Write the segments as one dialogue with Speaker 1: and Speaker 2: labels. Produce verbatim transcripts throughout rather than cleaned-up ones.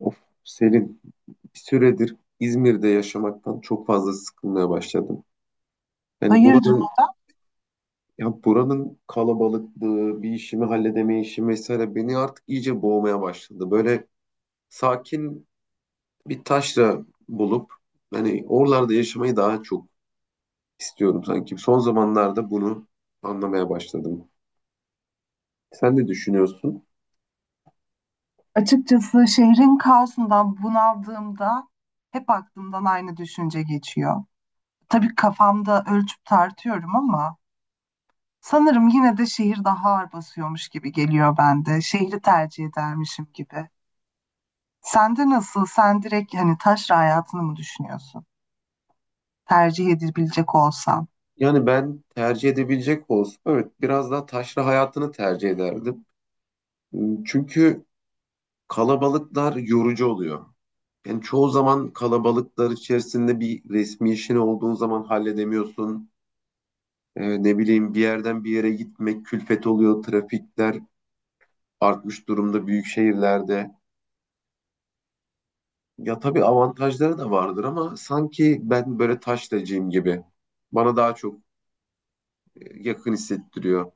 Speaker 1: Of Selin, bir süredir İzmir'de yaşamaktan çok fazla sıkılmaya başladım. Yani
Speaker 2: Hayırdır?
Speaker 1: buranın ya buranın kalabalıklığı, bir işimi halledemeyişim mesela beni artık iyice boğmaya başladı. Böyle sakin bir taşra bulup hani oralarda yaşamayı daha çok istiyorum sanki. Son zamanlarda bunu anlamaya başladım. Sen ne düşünüyorsun?
Speaker 2: Açıkçası şehrin kaosundan bunaldığımda hep aklımdan aynı düşünce geçiyor. Tabii kafamda ölçüp tartıyorum ama sanırım yine de şehir daha ağır basıyormuş gibi geliyor bende. Şehri tercih edermişim gibi. Sende nasıl? Sen direkt hani taşra hayatını mı düşünüyorsun? Tercih edilebilecek olsan.
Speaker 1: Yani ben tercih edebilecek olsam evet biraz daha taşra hayatını tercih ederdim. Çünkü kalabalıklar yorucu oluyor. Yani çoğu zaman kalabalıklar içerisinde bir resmi işin olduğun zaman halledemiyorsun. Ee, ne bileyim bir yerden bir yere gitmek külfet oluyor, trafikler artmış durumda büyük şehirlerde. Ya tabii avantajları da vardır ama sanki ben böyle taşlacıyım gibi. Bana daha çok e, yakın hissettiriyor.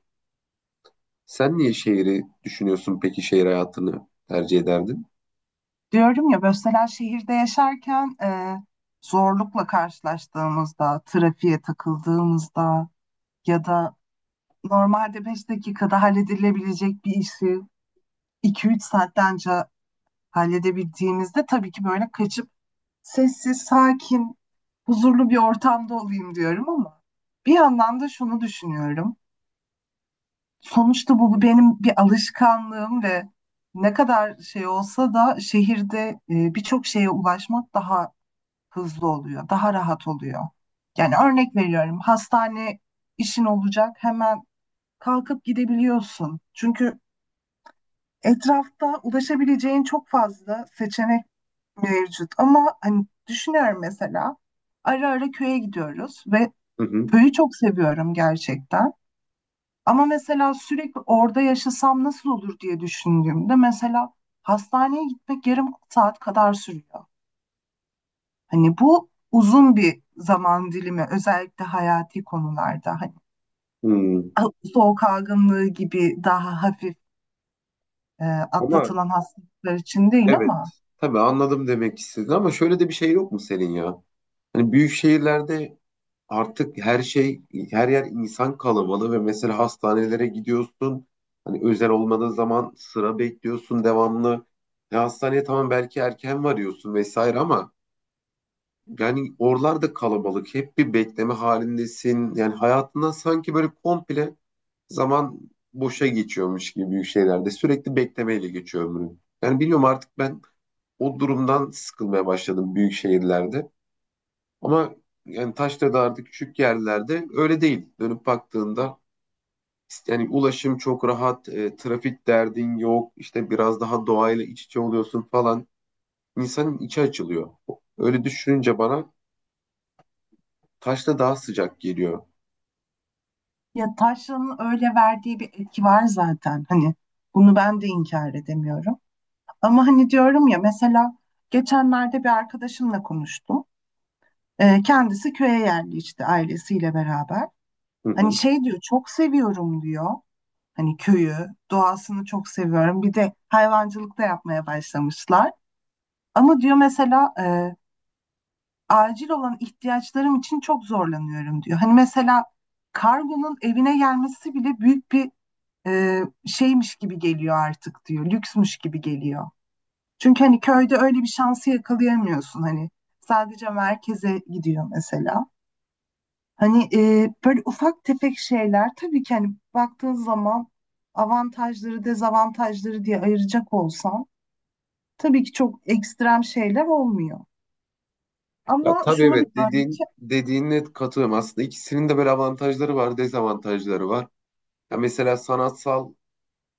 Speaker 1: Sen niye şehri düşünüyorsun peki, şehir hayatını tercih ederdin?
Speaker 2: Diyorum ya mesela şehirde yaşarken e, zorlukla karşılaştığımızda, trafiğe takıldığımızda ya da normalde beş dakikada halledilebilecek bir işi iki üç saatlence halledebildiğimizde tabii ki böyle kaçıp sessiz, sakin, huzurlu bir ortamda olayım diyorum ama bir yandan da şunu düşünüyorum. Sonuçta bu bu benim bir alışkanlığım ve ne kadar şey olsa da şehirde e, birçok şeye ulaşmak daha hızlı oluyor, daha rahat oluyor. Yani örnek veriyorum, hastane işin olacak hemen kalkıp gidebiliyorsun. Çünkü etrafta ulaşabileceğin çok fazla seçenek mevcut ama hani düşünüyorum mesela ara ara köye gidiyoruz ve
Speaker 1: Hı hı.
Speaker 2: köyü çok seviyorum gerçekten. Ama mesela sürekli orada yaşasam nasıl olur diye düşündüğümde mesela hastaneye gitmek yarım saat kadar sürüyor. Hani bu uzun bir zaman dilimi, özellikle hayati konularda, hani
Speaker 1: Hmm.
Speaker 2: soğuk algınlığı gibi daha hafif e,
Speaker 1: Ama
Speaker 2: atlatılan hastalıklar için değil
Speaker 1: evet,
Speaker 2: ama
Speaker 1: tabii anladım demek istedin ama şöyle de bir şey yok mu senin ya? Hani büyük şehirlerde artık her şey, her yer insan kalabalığı ve mesela hastanelere gidiyorsun. Hani özel olmadığı zaman sıra bekliyorsun devamlı. Ya hastaneye tamam belki erken varıyorsun vesaire ama yani oralarda kalabalık. Hep bir bekleme halindesin. Yani hayatından sanki böyle komple zaman boşa geçiyormuş gibi büyük şeylerde. Sürekli beklemeyle geçiyor ömrün. Yani bilmiyorum artık ben o durumdan sıkılmaya başladım büyük şehirlerde. Ama yani Taşdağ'da küçük yerlerde öyle değil. Dönüp baktığında işte yani ulaşım çok rahat, e, trafik derdin yok, işte biraz daha doğayla iç içe oluyorsun falan. İnsanın içi açılıyor. Öyle düşününce bana Taşda daha sıcak geliyor.
Speaker 2: ya taşranın öyle verdiği bir etki var zaten. Hani bunu ben de inkar edemiyorum. Ama hani diyorum ya mesela geçenlerde bir arkadaşımla konuştum. Ee, kendisi köye yerleşti ailesiyle beraber.
Speaker 1: Hı
Speaker 2: Hani
Speaker 1: hı.
Speaker 2: şey diyor, çok seviyorum diyor. Hani köyü, doğasını çok seviyorum. Bir de hayvancılık da yapmaya başlamışlar. Ama diyor mesela e, acil olan ihtiyaçlarım için çok zorlanıyorum diyor. Hani mesela kargonun evine gelmesi bile büyük bir e, şeymiş gibi geliyor artık diyor. Lüksmüş gibi geliyor. Çünkü hani köyde öyle bir şansı yakalayamıyorsun hani. Sadece merkeze gidiyor mesela. Hani e, böyle ufak tefek şeyler, tabii ki hani baktığın zaman avantajları dezavantajları diye ayıracak olsan tabii ki çok ekstrem şeyler olmuyor.
Speaker 1: Ya
Speaker 2: Ama
Speaker 1: tabii,
Speaker 2: şunu
Speaker 1: evet,
Speaker 2: biliyorum
Speaker 1: dediğin
Speaker 2: ki
Speaker 1: dediğine katılıyorum. Aslında ikisinin de böyle avantajları var, dezavantajları var. Ya mesela sanatsal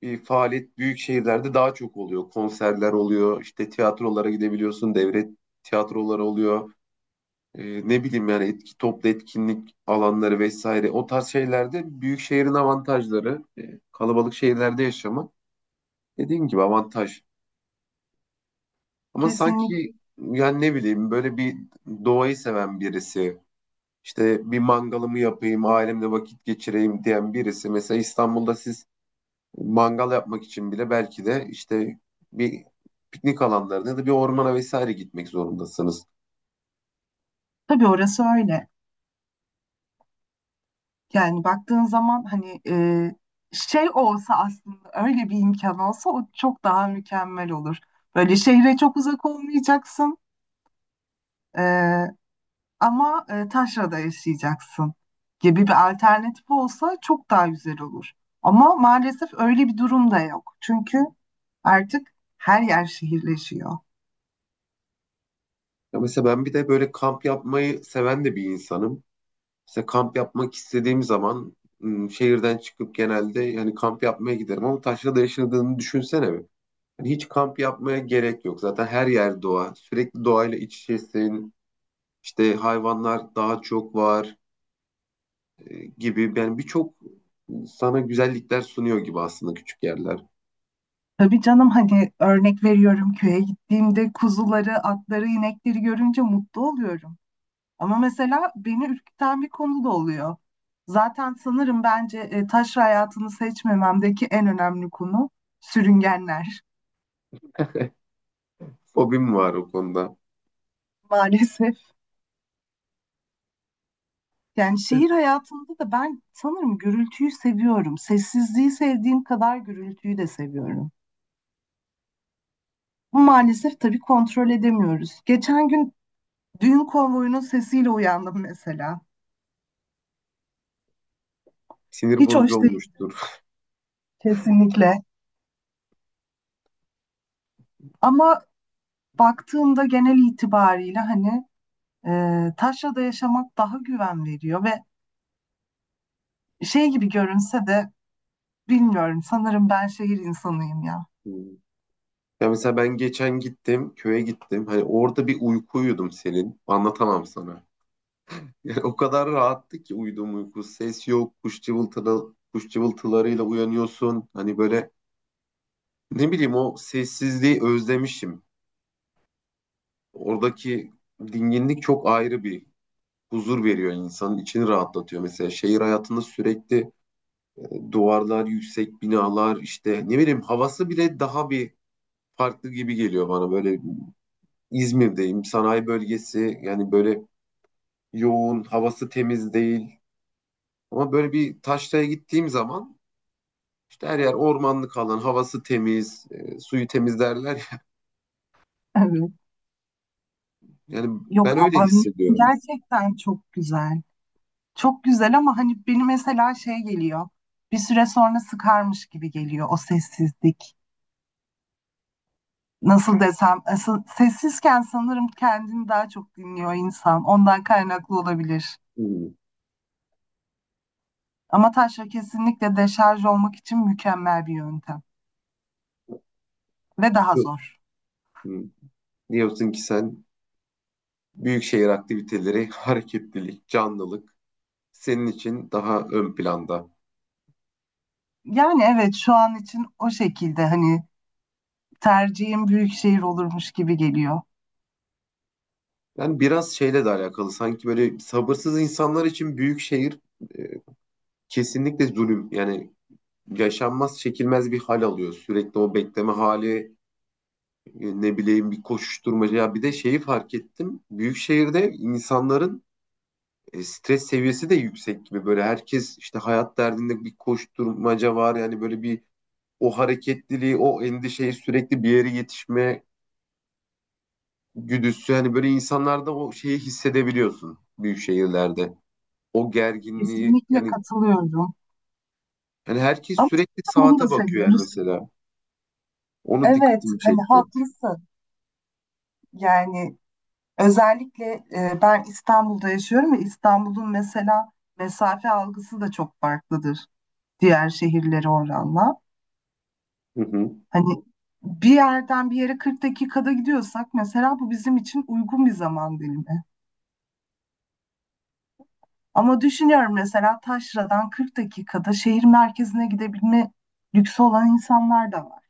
Speaker 1: bir faaliyet büyük şehirlerde daha çok oluyor. Konserler oluyor, işte tiyatrolara gidebiliyorsun, devlet tiyatroları oluyor. E, ne bileyim yani etki, toplu etkinlik alanları vesaire o tarz şeylerde büyük şehrin avantajları, e, kalabalık şehirlerde yaşamak dediğim gibi avantaj. Ama
Speaker 2: kesinlikle,
Speaker 1: sanki yani ne bileyim böyle bir doğayı seven birisi, işte bir mangalımı yapayım ailemle vakit geçireyim diyen birisi mesela İstanbul'da siz mangal yapmak için bile belki de işte bir piknik alanlarına ya da bir ormana vesaire gitmek zorundasınız.
Speaker 2: tabii orası öyle. Yani baktığın zaman hani e, şey olsa, aslında öyle bir imkan olsa o çok daha mükemmel olur. Böyle şehre çok uzak olmayacaksın e, ama e, taşrada yaşayacaksın gibi bir alternatif olsa çok daha güzel olur. Ama maalesef öyle bir durum da yok. Çünkü artık her yer şehirleşiyor.
Speaker 1: Ya mesela ben bir de böyle kamp yapmayı seven de bir insanım. İşte kamp yapmak istediğim zaman ım, şehirden çıkıp genelde yani kamp yapmaya giderim ama taşrada yaşadığını düşünsene bir. Yani hiç kamp yapmaya gerek yok. Zaten her yer doğa. Sürekli doğayla iç içesin. İşte hayvanlar daha çok var, e, gibi. Yani birçok sana güzellikler sunuyor gibi aslında küçük yerler.
Speaker 2: Tabii canım, hani örnek veriyorum, köye gittiğimde kuzuları, atları, inekleri görünce mutlu oluyorum. Ama mesela beni ürküten bir konu da oluyor. Zaten sanırım bence e, taş hayatını seçmememdeki en önemli konu sürüngenler
Speaker 1: Fobim var o konuda.
Speaker 2: maalesef. Yani şehir hayatında da ben sanırım gürültüyü seviyorum. Sessizliği sevdiğim kadar gürültüyü de seviyorum. Bu maalesef tabii kontrol edemiyoruz. Geçen gün düğün konvoyunun sesiyle uyandım mesela.
Speaker 1: Sinir
Speaker 2: Hiç
Speaker 1: bozucu
Speaker 2: hoş.
Speaker 1: olmuştur.
Speaker 2: Kesinlikle. Ama baktığımda genel itibariyle hani e, taşrada yaşamak daha güven veriyor ve şey gibi görünse de bilmiyorum, sanırım ben şehir insanıyım ya.
Speaker 1: Hmm. Ya mesela ben geçen gittim, köye gittim. Hani orada bir uyku uyudum senin. Anlatamam sana. Yani o kadar rahattı ki uyuduğum uyku. Ses yok, kuş cıvıltıları, kuş cıvıltılarıyla uyanıyorsun. Hani böyle ne bileyim o sessizliği özlemişim. Oradaki dinginlik çok ayrı bir huzur veriyor, insanın içini rahatlatıyor. Mesela şehir hayatında sürekli e, duvarlar, yüksek binalar, işte ne bileyim havası bile daha bir farklı gibi geliyor bana. Böyle İzmir'deyim, sanayi bölgesi, yani böyle yoğun, havası temiz değil. Ama böyle bir taşraya gittiğim zaman İşte her yer ormanlık alan, havası temiz, e, suyu temiz derler.
Speaker 2: Evet.
Speaker 1: Yani
Speaker 2: Yok
Speaker 1: ben öyle
Speaker 2: ama
Speaker 1: hissediyorum.
Speaker 2: gerçekten çok güzel. Çok güzel ama hani beni mesela şey geliyor. Bir süre sonra sıkarmış gibi geliyor o sessizlik. Nasıl desem, asıl- sessizken sanırım kendini daha çok dinliyor insan. Ondan kaynaklı olabilir.
Speaker 1: Hmm.
Speaker 2: Ama taşra kesinlikle deşarj olmak için mükemmel bir yöntem ve daha zor.
Speaker 1: Hmm. Diyorsun ki sen büyük şehir aktiviteleri, hareketlilik, canlılık senin için daha ön planda.
Speaker 2: Yani evet, şu an için o şekilde hani tercihim büyük şehir olurmuş gibi geliyor.
Speaker 1: Yani biraz şeyle de alakalı, sanki böyle sabırsız insanlar için büyük şehir e, kesinlikle zulüm. Yani yaşanmaz, çekilmez bir hal alıyor. Sürekli o bekleme hali, e, ne bileyim bir koşuşturmaca. Ya bir de şeyi fark ettim. Büyük şehirde insanların e, stres seviyesi de yüksek gibi, böyle herkes işte hayat derdinde, bir koşturmaca var yani, böyle bir o hareketliliği, o endişeyi, sürekli bir yere yetişme güdüsü hani, böyle insanlarda o şeyi hissedebiliyorsun büyük şehirlerde, o gerginliği
Speaker 2: Kesinlikle
Speaker 1: yani,
Speaker 2: katılıyorum.
Speaker 1: yani herkes
Speaker 2: Ama
Speaker 1: sürekli
Speaker 2: zaten bunu da
Speaker 1: saate bakıyor yani
Speaker 2: seviyoruz.
Speaker 1: mesela onu
Speaker 2: Evet,
Speaker 1: dikkatimi
Speaker 2: hani
Speaker 1: çekti.
Speaker 2: haklısın. Yani özellikle e, ben İstanbul'da yaşıyorum ve İstanbul'un mesela mesafe algısı da çok farklıdır diğer şehirlere oranla.
Speaker 1: Hı
Speaker 2: Hani bir yerden bir yere kırk dakikada gidiyorsak mesela bu bizim için uygun bir zaman dilimi. Ama düşünüyorum mesela Taşra'dan kırk dakikada şehir merkezine gidebilme lüksü olan insanlar da var.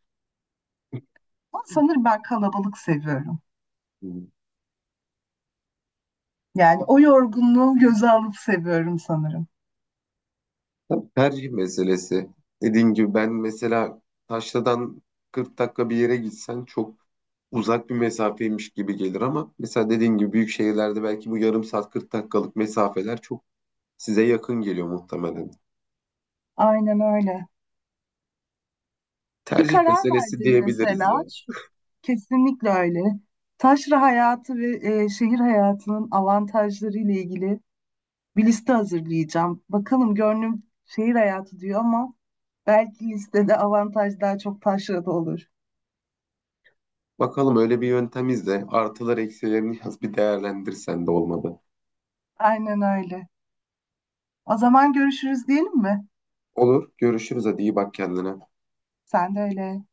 Speaker 2: Ama sanırım ben kalabalık seviyorum.
Speaker 1: hı.
Speaker 2: Yani o yorgunluğu göze alıp seviyorum sanırım.
Speaker 1: Tabii, tercih meselesi. Dediğim gibi ben mesela Taşla'dan kırk dakika bir yere gitsen çok uzak bir mesafeymiş gibi gelir ama mesela dediğim gibi büyük şehirlerde belki bu yarım saat, kırk dakikalık mesafeler çok size yakın geliyor muhtemelen.
Speaker 2: Aynen öyle. Bir
Speaker 1: Tercih
Speaker 2: karar
Speaker 1: meselesi
Speaker 2: verdin
Speaker 1: diyebiliriz ya.
Speaker 2: mesela, şu, kesinlikle öyle. Taşra hayatı ve e, şehir hayatının avantajları ile ilgili bir liste hazırlayacağım. Bakalım gönlüm şehir hayatı diyor ama belki listede avantaj daha çok taşrada olur.
Speaker 1: Bakalım, öyle bir yöntem izle. Artılar eksilerini yaz bir, değerlendirsen de olmadı.
Speaker 2: Aynen öyle. O zaman görüşürüz diyelim mi?
Speaker 1: Olur. Görüşürüz. Hadi iyi bak kendine.
Speaker 2: Sen de öyle.